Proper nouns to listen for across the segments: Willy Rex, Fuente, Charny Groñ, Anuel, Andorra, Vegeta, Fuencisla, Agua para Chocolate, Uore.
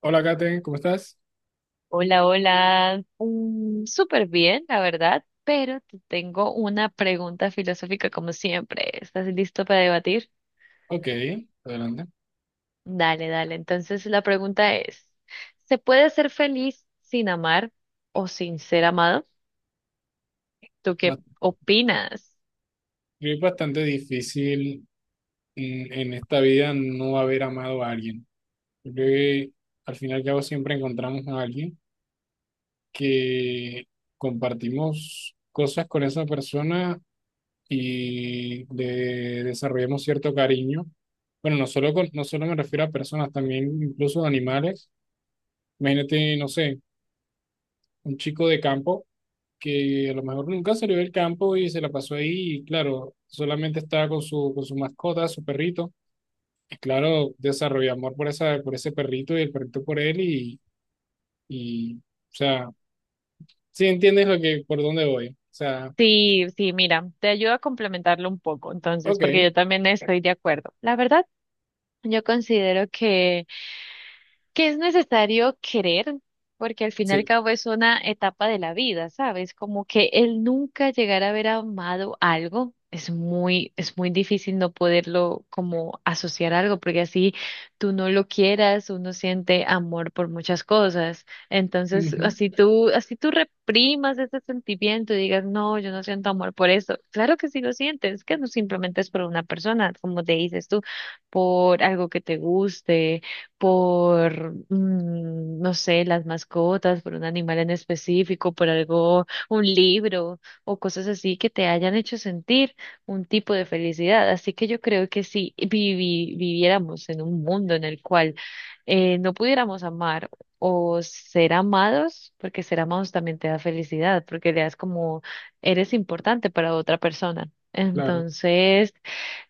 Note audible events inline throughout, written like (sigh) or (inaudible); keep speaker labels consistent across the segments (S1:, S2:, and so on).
S1: Hola, Kate, ¿cómo estás?
S2: Hola, hola. Súper bien, la verdad, pero te tengo una pregunta filosófica como siempre. ¿Estás listo para debatir?
S1: Ok, adelante.
S2: Dale, dale. Entonces la pregunta es, ¿se puede ser feliz sin amar o sin ser amado? ¿Tú qué
S1: Ba-
S2: opinas?
S1: Es bastante difícil en esta vida no haber amado a alguien. Yo creo que al final y al cabo siempre encontramos a alguien que compartimos cosas con esa persona y le desarrollamos cierto cariño. Bueno, no solo me refiero a personas, también incluso a animales. Imagínate, no sé, un chico de campo que a lo mejor nunca salió del campo y se la pasó ahí y claro, solamente estaba con con su mascota, su perrito. Y claro, desarrolló amor por por ese perrito y el perrito por él y o sea, sí entiendes lo que, por dónde voy. O sea,
S2: Sí, sí, mira, te ayudo a complementarlo un poco, entonces, porque
S1: ok,
S2: yo también estoy de acuerdo. La verdad, yo considero que es necesario querer, porque al fin y al
S1: sí,
S2: cabo es una etapa de la vida, ¿sabes? Como que el nunca llegar a haber amado algo es muy difícil no poderlo como asociar a algo, porque así tú no lo quieras, uno siente amor por muchas cosas. Entonces,
S1: ujú,
S2: así tú reprimas ese sentimiento y digas, no, yo no siento amor por eso. Claro que sí lo sientes, que no simplemente es por una persona, como te dices tú, por algo que te guste por, no sé, las mascotas, por un animal en específico, por algo, un libro o cosas así que te hayan hecho sentir un tipo de felicidad. Así que yo creo que si viviéramos en un mundo en el cual no pudiéramos amar o ser amados, porque ser amados también te da felicidad, porque le das como eres importante para otra persona.
S1: claro.
S2: Entonces,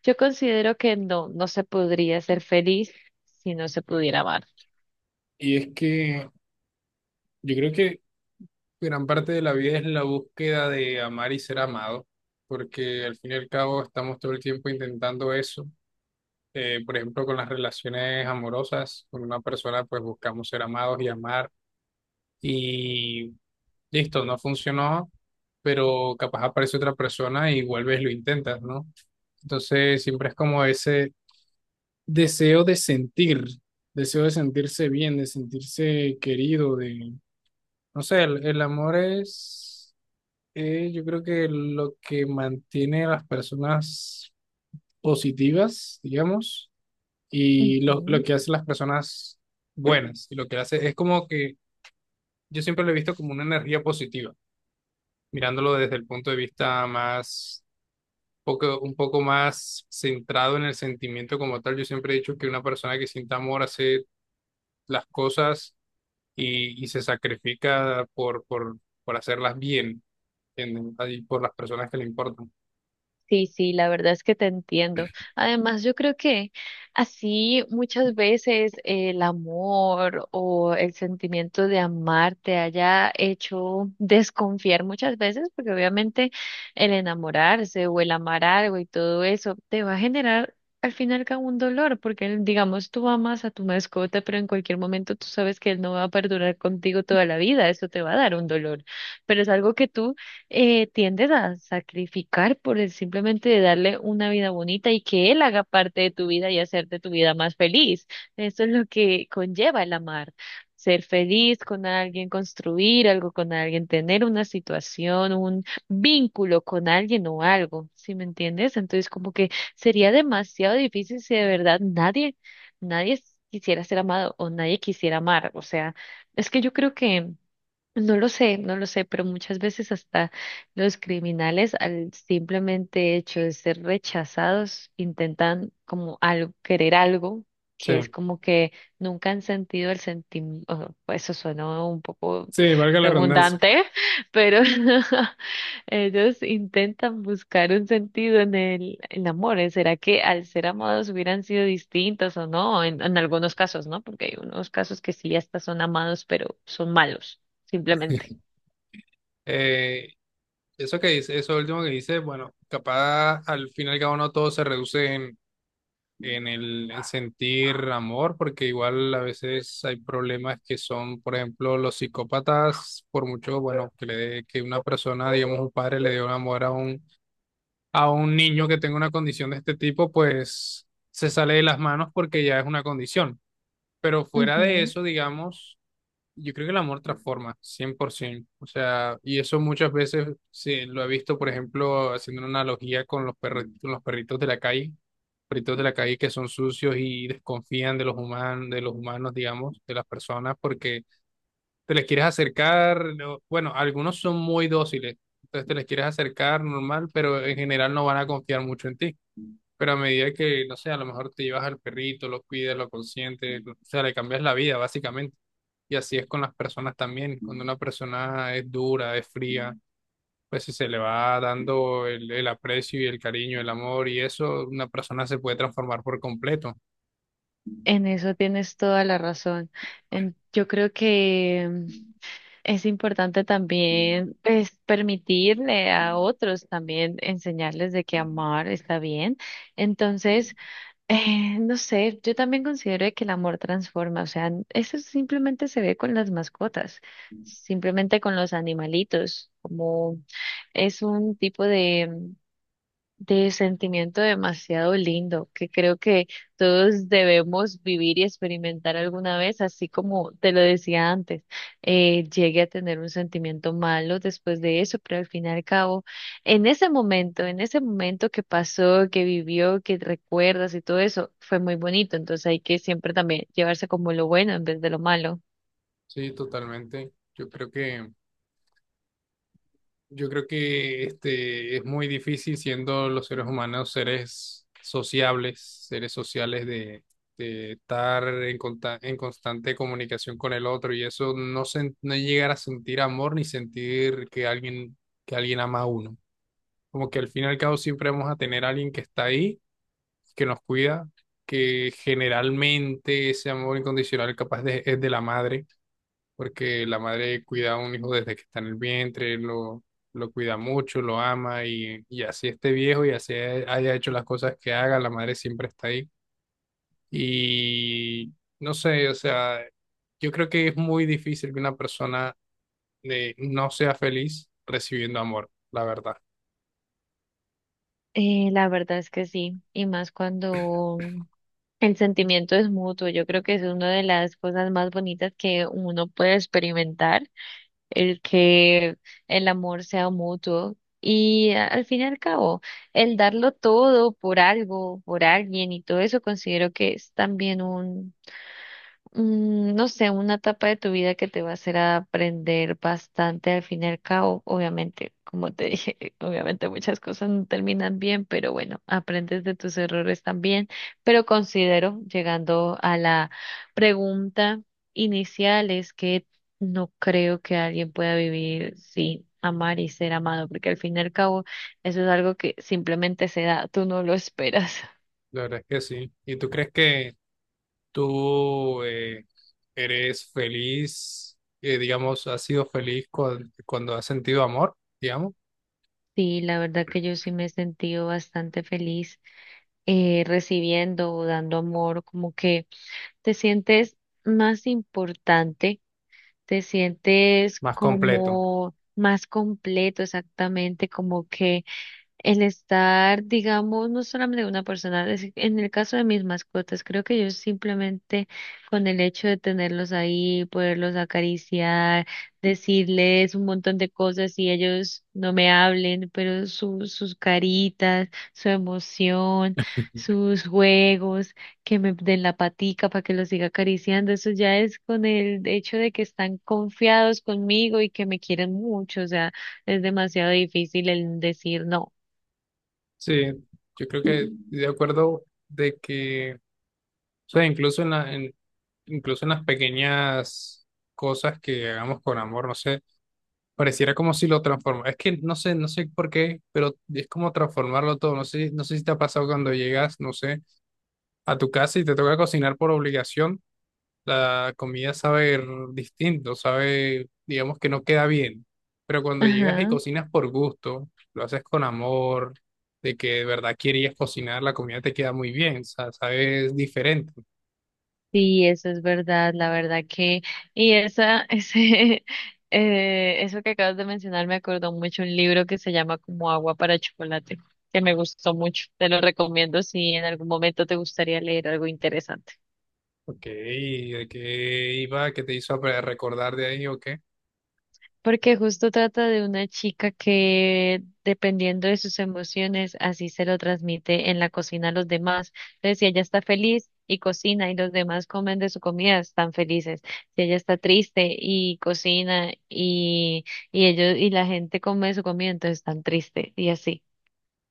S2: yo considero que no, no se podría ser feliz si no se pudiera amar.
S1: Y es que yo creo que gran parte de la vida es la búsqueda de amar y ser amado, porque al fin y al cabo estamos todo el tiempo intentando eso. Por ejemplo, con las relaciones amorosas, con una persona pues buscamos ser amados y amar y listo, no funcionó, pero capaz aparece otra persona y vuelves y lo intentas, ¿no? Entonces siempre es como ese deseo de sentir, deseo de sentirse bien, de sentirse querido, de, no sé, el amor es, yo creo que lo que mantiene a las personas positivas, digamos. Y lo
S2: Ujú.
S1: que hacen las personas buenas y lo que hace es como que yo siempre lo he visto como una energía positiva, mirándolo desde el punto de vista más, poco, un poco más centrado en el sentimiento como tal. Yo siempre he dicho que una persona que siente amor hace las cosas y se sacrifica por hacerlas bien, ¿entienden? Ahí por las personas que le importan.
S2: Sí, sí, la verdad es que te entiendo. Además, yo creo que así muchas veces el amor o el sentimiento de amar te haya hecho desconfiar muchas veces, porque obviamente el enamorarse o el amar algo y todo eso te va a generar al final como un dolor, porque digamos tú amas a tu mascota, pero en cualquier momento tú sabes que él no va a perdurar contigo toda la vida, eso te va a dar un dolor, pero es algo que tú tiendes a sacrificar por el simplemente de darle una vida bonita y que él haga parte de tu vida y hacerte tu vida más feliz. Eso es lo que conlleva el amar. Ser feliz con alguien, construir algo con alguien, tener una situación, un vínculo con alguien o algo, ¿sí me entiendes? Entonces, como que sería demasiado difícil si de verdad nadie quisiera ser amado o nadie quisiera amar. O sea, es que yo creo que no lo sé, no lo sé, pero muchas veces hasta los criminales al simplemente hecho de ser rechazados intentan como algo, querer algo
S1: Sí,
S2: que es como que nunca han sentido el sentimiento, eso suena un poco
S1: sí, valga la redundancia.
S2: redundante, (laughs) pero (laughs) ellos intentan buscar un sentido en el amor. ¿Eh? ¿Será que al ser amados hubieran sido distintos o no? En algunos casos, ¿no? Porque hay unos casos que sí, hasta son amados, pero son malos simplemente.
S1: Eh, Eso que dice, eso último que dice, bueno, capaz al final y al cabo no todo se reduce en el sentir amor, porque igual a veces hay problemas que son, por ejemplo, los psicópatas, por mucho, bueno, que, que una persona, digamos, un padre le dé un amor a un niño que tenga una condición de este tipo, pues se sale de las manos porque ya es una condición. Pero fuera de
S2: Ujú.
S1: eso, digamos, yo creo que el amor transforma, 100%. O sea, y eso muchas veces sí, lo he visto, por ejemplo, haciendo una analogía con los con los perritos de la calle, perritos de la calle que son sucios y desconfían de los humanos, digamos, de las personas, porque te les quieres acercar, no- bueno, algunos son muy dóciles, entonces te les quieres acercar normal, pero en general no van a confiar mucho en ti. Pero a medida que, no sé, a lo mejor te llevas al perrito, lo cuidas, lo consientes, o sea, le cambias la vida, básicamente. Y así es con las personas también. Cuando una persona es dura, es fría, pues si se le va dando el aprecio y el cariño, el amor y eso, una persona se puede transformar por completo.
S2: En eso tienes toda la razón. Yo creo que es importante también pues, permitirle a otros también enseñarles de que amar está bien. Entonces, (laughs) no sé, yo también considero de que el amor transforma. O sea, eso simplemente se ve con las mascotas, simplemente con los animalitos, como es un tipo de sentimiento demasiado lindo que creo que todos debemos vivir y experimentar alguna vez, así como te lo decía antes, llegué a tener un sentimiento malo después de eso, pero al fin y al cabo, en ese momento que pasó, que vivió, que recuerdas y todo eso, fue muy bonito, entonces hay que siempre también llevarse como lo bueno en vez de lo malo.
S1: Sí, totalmente. Yo creo que este es muy difícil siendo los seres humanos seres sociables, seres sociales de estar en constante comunicación con el otro y eso no llegar a sentir amor ni sentir que alguien ama a uno. Como que al fin y al cabo siempre vamos a tener a alguien que está ahí, que nos cuida, que generalmente ese amor incondicional capaz de, es de la madre porque la madre cuida a un hijo desde que está en el vientre, lo cuida mucho, lo ama y así esté viejo y así haya hecho las cosas que haga, la madre siempre está ahí. Y no sé, o sea, yo creo que es muy difícil que una persona no sea feliz recibiendo amor, la verdad.
S2: La verdad es que sí, y más cuando el sentimiento es mutuo, yo creo que es una de las cosas más bonitas que uno puede experimentar, el que el amor sea mutuo y al fin y al cabo, el darlo todo por algo, por alguien y todo eso considero que es también no sé, una etapa de tu vida que te va a hacer aprender bastante al fin y al cabo. Obviamente, como te dije, (laughs) obviamente muchas cosas no terminan bien, pero bueno, aprendes de tus errores también. Pero considero, llegando a la pregunta inicial, es que no creo que alguien pueda vivir sin amar y ser amado, porque al fin y al cabo eso es algo que simplemente se da, tú no lo esperas. (laughs)
S1: La verdad es que sí. ¿Y tú crees que tú eres feliz, digamos, has sido feliz cuando has sentido amor, digamos,
S2: Sí, la verdad que yo sí me he sentido bastante feliz recibiendo o dando amor, como que te sientes más importante, te sientes
S1: más completo?
S2: como más completo exactamente, como que el estar, digamos, no solamente de una persona, en el caso de mis mascotas, creo que yo simplemente con el hecho de tenerlos ahí, poderlos acariciar, decirles un montón de cosas y ellos no me hablen, pero sus caritas, su emoción, sus juegos, que me den la patica para que los siga acariciando, eso ya es con el hecho de que están confiados conmigo y que me quieren mucho, o sea, es demasiado difícil el decir no.
S1: Sí, yo creo que estoy de acuerdo de que, o sea, incluso en las pequeñas cosas que hagamos con amor, no sé, pareciera como si lo transformara. Es que no sé, no sé por qué, pero es como transformarlo todo. No sé, no sé si te ha pasado cuando llegas, no sé, a tu casa y te toca cocinar por obligación. La comida sabe distinto, sabe, digamos que no queda bien. Pero cuando llegas y
S2: Ajá,
S1: cocinas por gusto, lo haces con amor, de que de verdad querías cocinar, la comida te queda muy bien, o sea, sabes diferente.
S2: sí, eso es verdad, la verdad que, y esa, (laughs) ese, eso que acabas de mencionar me acordó mucho un libro que se llama como Agua para Chocolate, que me gustó mucho, te lo recomiendo si en algún momento te gustaría leer algo interesante.
S1: Ok, ¿de qué iba? ¿Qué te hizo recordar de ahí o qué?
S2: Porque justo trata de una chica que, dependiendo de sus emociones, así se lo transmite en la cocina a los demás. Entonces, si ella está feliz y cocina y los demás comen de su comida, están felices. Si ella está triste y cocina y ellos y la gente come de su comida, entonces están tristes y así.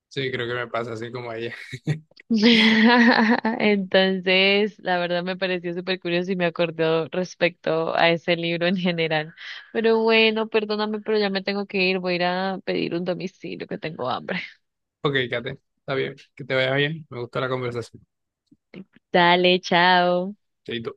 S1: Sí, creo que me pasa así como a ella. (laughs)
S2: (laughs) Entonces, la verdad me pareció súper curioso y me acordó respecto a ese libro en general. Pero bueno, perdóname, pero ya me tengo que ir. Voy a ir a pedir un domicilio que tengo hambre.
S1: Ok, Kate, está bien, que te vaya bien, me gustó la conversación.
S2: Dale, chao.
S1: Chaito.